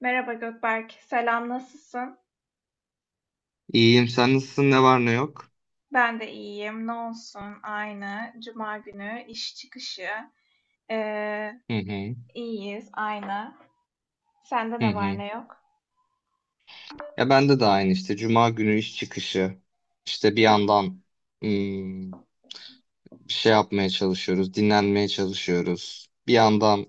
Merhaba Gökberk, selam nasılsın? İyiyim. Sen nasılsın? Ne var ne yok? Ben de iyiyim, ne olsun aynı. Cuma günü iş çıkışı, ee, Hı hı. iyiyiz aynı. Sende Hı ne var hı. ne yok? Ya bende de aynı işte. Cuma günü iş çıkışı. İşte bir yandan hmm, bir şey yapmaya çalışıyoruz. Dinlenmeye çalışıyoruz. Bir yandan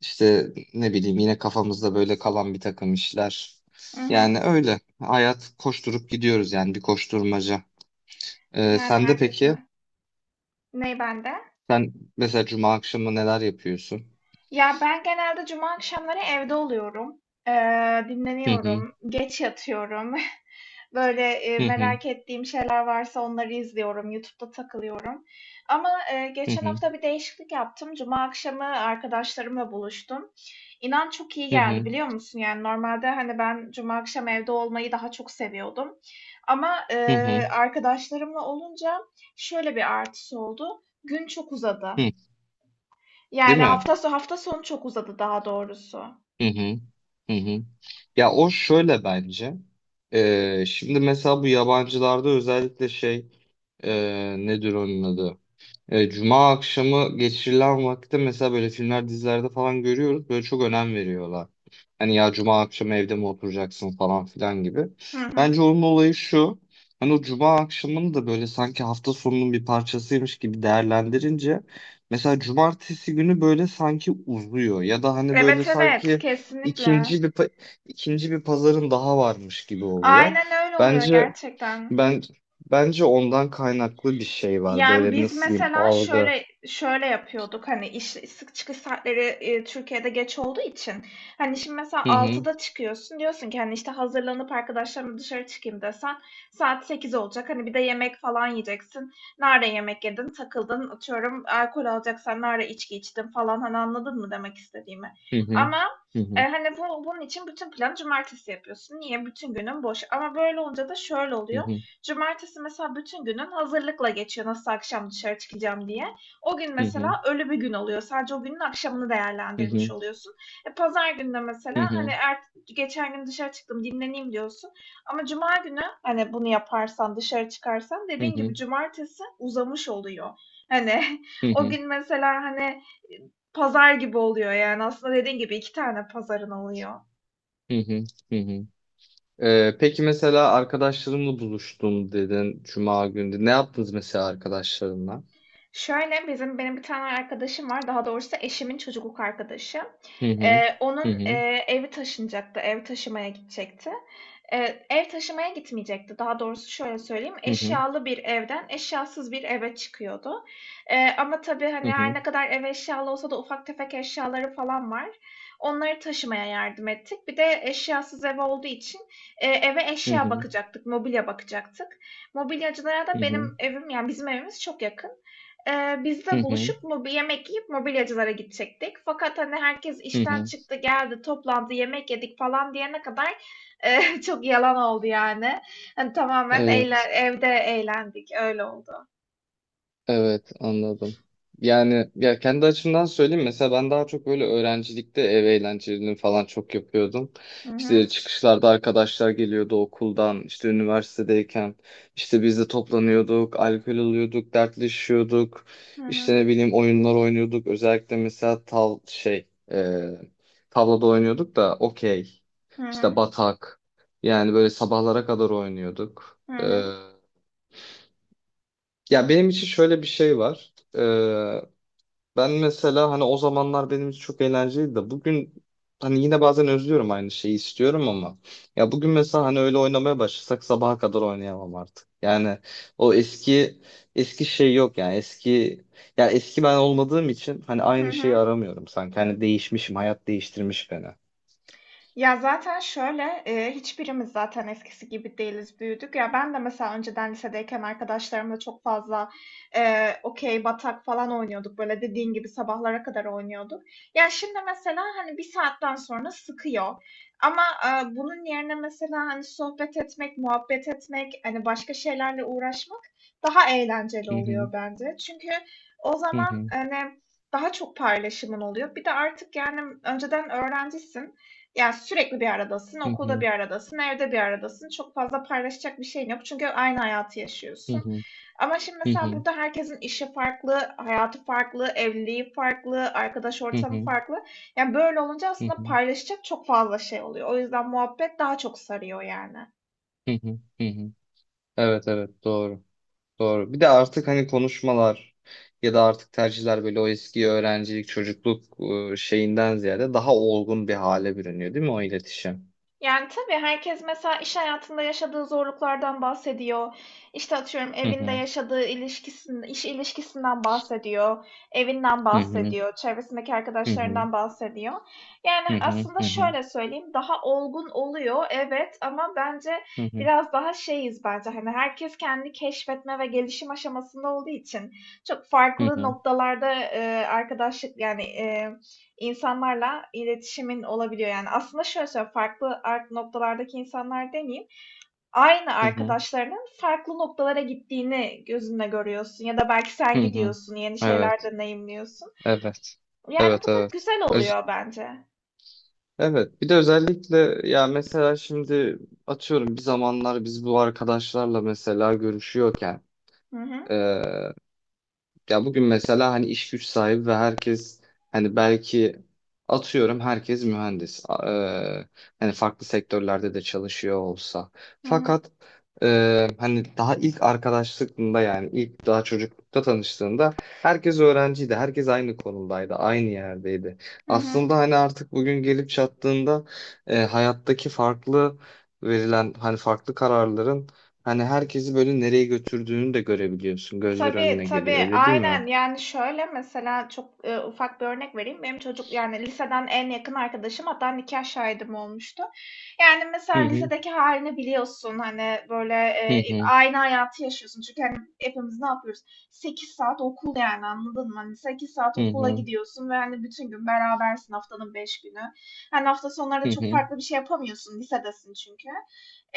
işte ne bileyim yine kafamızda böyle kalan bir takım işler. Hı hı. Yani öyle. Hayat koşturup gidiyoruz yani bir koşturmaca. Yani Sen de peki? herkesin. Ney bende? Sen mesela cuma akşamı neler yapıyorsun? Ya ben genelde cuma akşamları evde oluyorum. Hı hı. Dinleniyorum, geç yatıyorum. Böyle, Hı hı. merak ettiğim şeyler varsa onları izliyorum, YouTube'da takılıyorum. Ama, Hı geçen hı. hafta bir değişiklik yaptım. Cuma akşamı arkadaşlarımla buluştum. İnan çok iyi Hı geldi, hı. biliyor musun? Yani normalde, hani, ben cuma akşam evde olmayı daha çok seviyordum ama, Hı hı. Arkadaşlarımla olunca şöyle bir artısı oldu: Gün çok uzadı. Hı. Değil Yani mi? Hafta sonu çok uzadı daha doğrusu. Hı hı. Hı hı. Ya o şöyle bence. Şimdi mesela bu yabancılarda özellikle şey nedir onun adı? Cuma akşamı geçirilen vakitte mesela böyle filmler dizilerde falan görüyoruz. Böyle çok önem veriyorlar. Hani ya Cuma akşamı evde mi oturacaksın falan filan gibi. Hı hı. Bence onun olayı şu. Hani o Cuma akşamını da böyle sanki hafta sonunun bir parçasıymış gibi değerlendirince mesela Cumartesi günü böyle sanki uzuyor ya da hani böyle Evet evet sanki kesinlikle. ikinci bir pa- ikinci bir pazarın daha varmış gibi oluyor. Aynen öyle oluyor Bence gerçekten. ben bence ondan kaynaklı bir şey var. Yani, Böyle biz nasıl diyeyim mesela algı. şöyle şöyle yapıyorduk, hani, iş çıkış saatleri, Türkiye'de geç olduğu için, hani, şimdi mesela Hı hı. 6'da çıkıyorsun, diyorsun ki, hani, işte, hazırlanıp arkadaşlarımla dışarı çıkayım desen saat 8 olacak. Hani, bir de yemek falan yiyeceksin. Nerede yemek yedin, takıldın, atıyorum, alkol alacaksan nerede içki içtin falan, hani, anladın mı demek istediğimi? Hı hı. Ama, Hı hı. Hani, bunun için bütün planı cumartesi yapıyorsun. Niye? Bütün günün boş. Ama böyle olunca da şöyle Hı oluyor, hı. cumartesi mesela bütün günün hazırlıkla geçiyor nasıl akşam dışarı çıkacağım diye. O gün Hı hı. mesela ölü bir gün oluyor. Sadece o günün akşamını Hı hı. değerlendirmiş Hı oluyorsun. E, pazar günü hı. mesela hani Hı geçen gün dışarı çıktım dinleneyim diyorsun. Ama cuma günü hani bunu yaparsan dışarı çıkarsan dediğin gibi hı. cumartesi uzamış oluyor. Hani Hı o hı. gün mesela hani pazar gibi oluyor yani aslında dediğin gibi 2 tane pazarın oluyor. Hı hı, hı. Peki mesela arkadaşlarımla buluştum dedin Cuma günü. Ne yaptınız mesela arkadaşlarınla? Şöyle, bizim benim bir tane arkadaşım var, daha doğrusu eşimin çocukluk arkadaşı. Hı hı. Hı Onun, hı. Evi taşınacaktı, ev taşımaya gidecekti. Ev taşımaya gitmeyecekti. Daha doğrusu şöyle söyleyeyim, Hı hı. eşyalı bir evden eşyasız bir eve çıkıyordu. Ama tabii, Hı hani, her hı. ne kadar ev eşyalı olsa da ufak tefek eşyaları falan var. Onları taşımaya yardım ettik. Bir de eşyasız ev olduğu için, eve eşya Hı bakacaktık, mobilya bakacaktık. Mobilyacılara da hı. benim evim, yani bizim evimiz çok yakın. Biz de Hı buluşup yemek yiyip mobilyacılara gidecektik. Fakat, hani, herkes hı. işten Hı. çıktı, geldi, toplandı, yemek yedik falan diyene kadar, çok yalan oldu yani. Hani, tamamen Evet. evde eğlendik, öyle oldu. Evet, anladım. Yani ya kendi açımdan söyleyeyim mesela ben daha çok böyle öğrencilikte ev eğlencelerini falan çok yapıyordum. İşte çıkışlarda arkadaşlar geliyordu okuldan, işte üniversitedeyken işte biz de toplanıyorduk, alkol alıyorduk, dertleşiyorduk. Hı İşte hı. ne bileyim oyunlar oynuyorduk. Özellikle mesela tavlada oynuyorduk da okey. Hı İşte hı. batak. Yani böyle sabahlara kadar oynuyorduk. Hı hı. Ya benim için şöyle bir şey var. Ben mesela hani o zamanlar benim için çok eğlenceliydi de bugün hani yine bazen özlüyorum aynı şeyi istiyorum ama ya bugün mesela hani öyle oynamaya başlasak sabaha kadar oynayamam artık. Yani o eski eski şey yok yani eski ya eski ben olmadığım için hani Hı aynı şeyi hı. aramıyorum sanki hani değişmişim hayat değiştirmiş beni. Ya, zaten şöyle, hiçbirimiz zaten eskisi gibi değiliz, büyüdük. Ya, ben de mesela önceden lisedeyken arkadaşlarımla çok fazla, okey, batak falan oynuyorduk. Böyle, dediğin gibi sabahlara kadar oynuyorduk. Ya, şimdi mesela, hani, bir saatten sonra sıkıyor ama, bunun yerine mesela, hani, sohbet etmek, muhabbet etmek, hani, başka şeylerle uğraşmak daha eğlenceli Hı hı, oluyor bence. Çünkü o hı zaman, hı, hani, daha çok paylaşımın oluyor. Bir de artık, yani, önceden öğrencisin. Yani sürekli bir aradasın, hı okulda hı, bir aradasın, evde bir aradasın. Çok fazla paylaşacak bir şeyin yok çünkü aynı hayatı hı yaşıyorsun. hı, Ama şimdi hı mesela hı, burada herkesin işi farklı, hayatı farklı, evliliği farklı, arkadaş hı ortamı hı, farklı. Yani, böyle olunca hı aslında hı, paylaşacak çok fazla şey oluyor. O yüzden muhabbet daha çok sarıyor yani. hı hı, hı hı. Evet, evet, doğru. Doğru. Bir de artık hani konuşmalar ya da artık tercihler böyle o eski öğrencilik, çocukluk şeyinden ziyade daha olgun bir hale bürünüyor değil mi o iletişim? Yani tabii herkes mesela iş hayatında yaşadığı zorluklardan bahsediyor. İşte atıyorum Hı evinde hı, yaşadığı ilişkisinden, iş ilişkisinden bahsediyor, evinden hı hı, bahsediyor, çevresindeki hı hı, arkadaşlarından bahsediyor. Yani hı hı, aslında hı hı, şöyle söyleyeyim, daha olgun oluyor evet ama bence hı hı, biraz daha şeyiz bence hani herkes kendi keşfetme ve gelişim aşamasında olduğu için çok hı farklı hı, noktalarda arkadaşlık yani insanlarla iletişimin olabiliyor. Yani, aslında şöyle söyleyeyim, farklı noktalardaki insanlar demeyeyim, aynı hı hı, arkadaşlarının farklı noktalara gittiğini gözünle görüyorsun ya da belki sen hı. gidiyorsun, yeni şeyler Evet, deneyimliyorsun. evet. Yani, bu Evet, da evet. güzel oluyor bence. Evet, bir de özellikle ya mesela şimdi atıyorum bir zamanlar biz bu arkadaşlarla mesela görüşüyorken Hı hı. ya bugün mesela hani iş güç sahibi ve herkes hani belki atıyorum herkes mühendis. Hani farklı sektörlerde de çalışıyor olsa. Hı hı. Fakat hani daha ilk arkadaşlığında yani ilk daha çocuklukta tanıştığında herkes öğrenciydi. Herkes aynı konumdaydı, aynı yerdeydi. Hı hı. Aslında hani artık bugün gelip çattığında hayattaki farklı verilen hani farklı kararların hani herkesi böyle nereye götürdüğünü de görebiliyorsun. Gözler Tabii önüne tabii geliyor öyle değil aynen mi? yani şöyle mesela çok ufak bir örnek vereyim. Benim yani liseden en yakın arkadaşım hatta nikah şahidim olmuştu. Yani mesela Hı hı. lisedeki halini biliyorsun hani böyle Hı hı. aynı hayatı yaşıyorsun. Çünkü hani hepimiz ne yapıyoruz? 8 saat okul yani anladın mı? Hani 8 saat Hı okula hı. gidiyorsun ve hani bütün gün berabersin haftanın 5 günü. Hani hafta sonları da Hı çok hı. farklı bir şey yapamıyorsun lisedesin çünkü.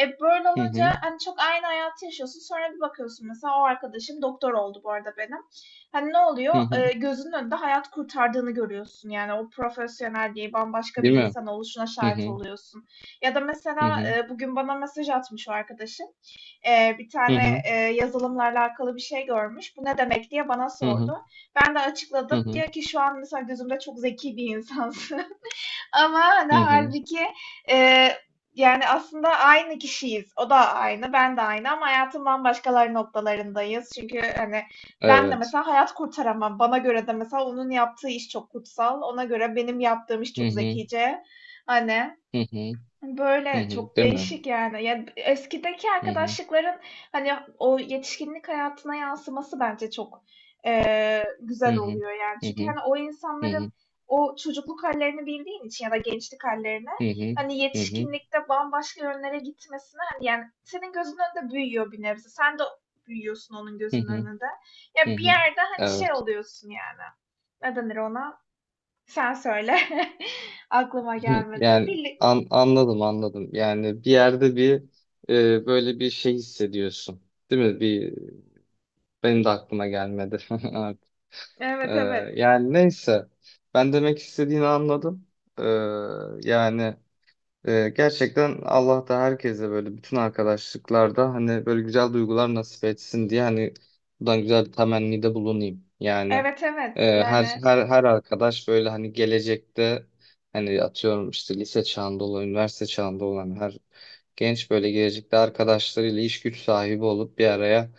E böyle Hı olunca hı. hani çok aynı hayatı yaşıyorsun. Sonra bir bakıyorsun mesela o arkadaşım doktor oldu bu arada benim. Hani ne oluyor? Hı hı. E, gözünün önünde hayat kurtardığını görüyorsun. Yani o profesyonel diye bambaşka Değil bir mi? insan oluşuna Hı şahit hı. oluyorsun. Ya da Hı mesela hı. Bugün bana mesaj atmış o arkadaşım. E, bir tane Hı yazılımlarla alakalı bir şey görmüş. Bu ne demek diye bana hı. Hı sordu. hı. Ben de Hı açıkladım. hı. Diyor ki şu an mesela gözümde çok zeki bir insansın. Ama hani Hı hı. halbuki eee, yani aslında aynı kişiyiz. O da aynı, ben de aynı ama hayatın bambaşkalar noktalarındayız. Çünkü, hani, ben de Evet. mesela hayat kurtaramam. Bana göre de mesela onun yaptığı iş çok kutsal. Ona göre benim yaptığım iş Hı çok hı. zekice. Hani Hı hı. Hani Hı Böyle hı. çok Değil mi? değişik yani. Ya eskideki Hı hı. arkadaşlıkların hani o yetişkinlik hayatına yansıması bence çok Hı güzel hı. oluyor yani. Hı hı. Çünkü hani o Hı hı. Hı insanların o çocukluk hallerini bildiğin için ya da gençlik hallerini hı. hani Hı hı. yetişkinlikte bambaşka yönlere gitmesine hani yani senin gözünün önünde büyüyor bir nebze. Sen de büyüyorsun onun Hı gözünün hı. önünde. Hı Ya bir hı. yerde hani şey Evet. oluyorsun yani. Ne denir ona? Sen söyle. Aklıma Hı. gelmedi. Yani Birlik... anladım anladım. Yani bir yerde bir böyle bir şey hissediyorsun. Değil mi? Benim de aklıma gelmedi. Evet. Ee, Evet evet. yani neyse. Ben demek istediğini anladım. Ee, yani gerçekten Allah da herkese böyle bütün arkadaşlıklarda hani böyle güzel duygular nasip etsin diye hani buradan güzel bir temennide bulunayım. Yani Evet evet her yani her her arkadaş böyle hani gelecekte hani atıyorum işte lise çağında olan, üniversite çağında olan her genç böyle gelecekte arkadaşlarıyla iş güç sahibi olup bir araya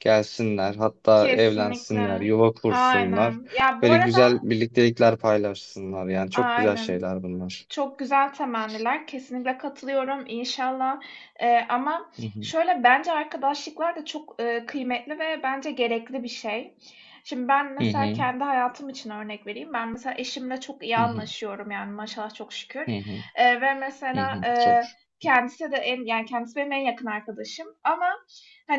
gelsinler. Hatta evlensinler, kesinlikle. yuva kursunlar. Aynen. Ya bu Böyle arada güzel birliktelikler paylaşsınlar. Yani çok güzel aynen. şeyler bunlar. Çok güzel temenniler. Kesinlikle katılıyorum inşallah. Ama Hı hı. şöyle bence arkadaşlıklar da çok, kıymetli ve bence gerekli bir şey. Şimdi ben Hı mesela hı. kendi hayatım için örnek vereyim. Ben mesela eşimle çok iyi Hı hı, anlaşıyorum yani maşallah çok hı şükür. hı, Ve hı mesela, hı. Çok. Kendisi de yani kendisi benim en yakın arkadaşım ama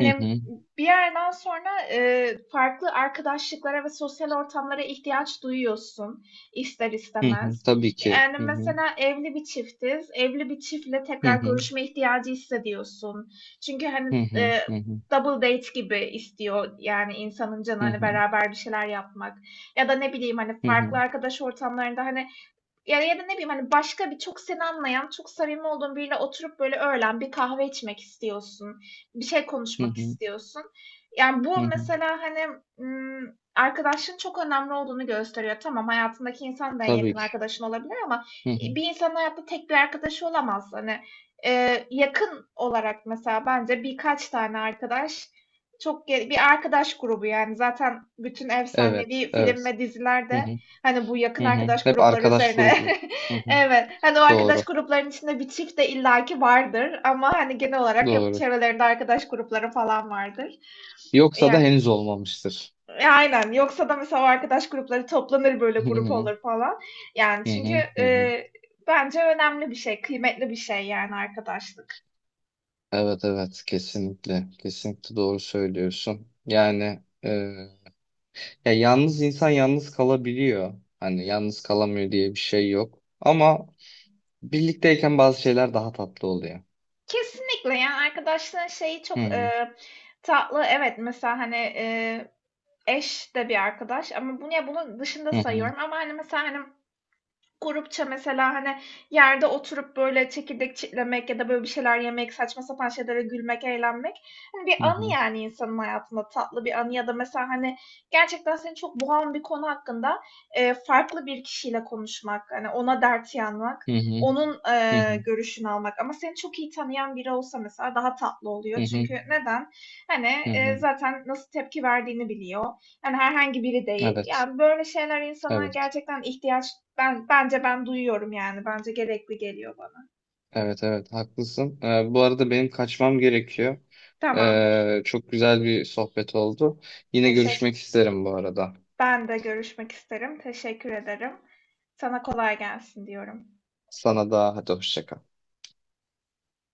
Hı hı, bir yerden sonra, farklı arkadaşlıklara ve sosyal ortamlara ihtiyaç duyuyorsun ister hı hı. istemez. Tabii ki. Yani Hı hı, mesela evli bir çiftiz. Evli bir çiftle hı tekrar hı, görüşme ihtiyacı hissediyorsun. Çünkü hani hı hı, hı hı, double date gibi istiyor yani insanın canı hı hani hı, beraber bir şeyler yapmak. Ya da ne bileyim hani hı hı, farklı arkadaş ortamlarında hani ya ya da ne bileyim, hani, başka bir çok seni anlayan, çok samimi olduğun biriyle oturup, böyle, öğlen bir kahve içmek istiyorsun, bir şey hı konuşmak hı, istiyorsun. Yani, hı bu hı. mesela, hani, arkadaşlığın çok önemli olduğunu gösteriyor. Tamam, hayatındaki insan da en Tabii yakın ki. arkadaşın olabilir ama, Hı hı. bir insanın hayatta tek bir arkadaşı olamaz. Hani, yakın olarak mesela bence birkaç tane arkadaş çok ge bir arkadaş grubu, yani, zaten bütün Evet, efsanevi film evet. ve Hı diziler hı, hani bu yakın hı hı. arkadaş Hep grupları arkadaş üzerine. grubu. Hı hı. Evet. Hani o arkadaş Doğru, gruplarının içinde bir çift de illaki vardır ama hani genel olarak hep doğru. çevrelerinde arkadaş grupları falan vardır. Yoksa da Yani, henüz olmamıştır. Aynen. Yoksa da mesela o arkadaş grupları toplanır böyle Hı grup hı, olur falan. Yani hı çünkü hı, hı hı. e, bence önemli bir şey, kıymetli bir şey yani arkadaşlık. Evet, evet. Kesinlikle, kesinlikle doğru söylüyorsun. Yani. Ya yalnız insan yalnız kalabiliyor. Hani yalnız kalamıyor diye bir şey yok. Ama birlikteyken bazı şeyler daha tatlı oluyor. Kesinlikle yani arkadaşlığın şeyi Hı çok hı. Tatlı. Evet mesela hani eş de bir arkadaş ama bunu ya bunun dışında Hı hı. sayıyorum ama hani mesela hani grupça mesela, hani, yerde oturup, böyle, çekirdek çitlemek ya da, böyle, bir şeyler yemek, saçma sapan şeylere gülmek, eğlenmek, hani, bir Hı anı hı. yani insanın hayatında tatlı bir anı ya da mesela, hani, gerçekten seni çok boğan bir konu hakkında, farklı bir kişiyle konuşmak, hani, ona dert yanmak, Hı hı. onun, Hı hı. görüşünü almak ama seni çok iyi tanıyan biri olsa mesela daha tatlı Hı oluyor. hı. Çünkü neden? Hani, Hı hı. zaten nasıl tepki verdiğini biliyor. Yani herhangi biri değil. Evet. Yani böyle şeyler insana Evet. gerçekten ihtiyaç bence ben duyuyorum yani. Bence gerekli geliyor bana. Evet. Evet. Haklısın. Bu arada benim kaçmam gerekiyor. Tamamdır. Çok güzel bir sohbet oldu. Yine Teşekkür. görüşmek isterim bu arada. Ben de görüşmek isterim. Teşekkür ederim. Sana kolay gelsin diyorum. Sana da hadi hoşça kal.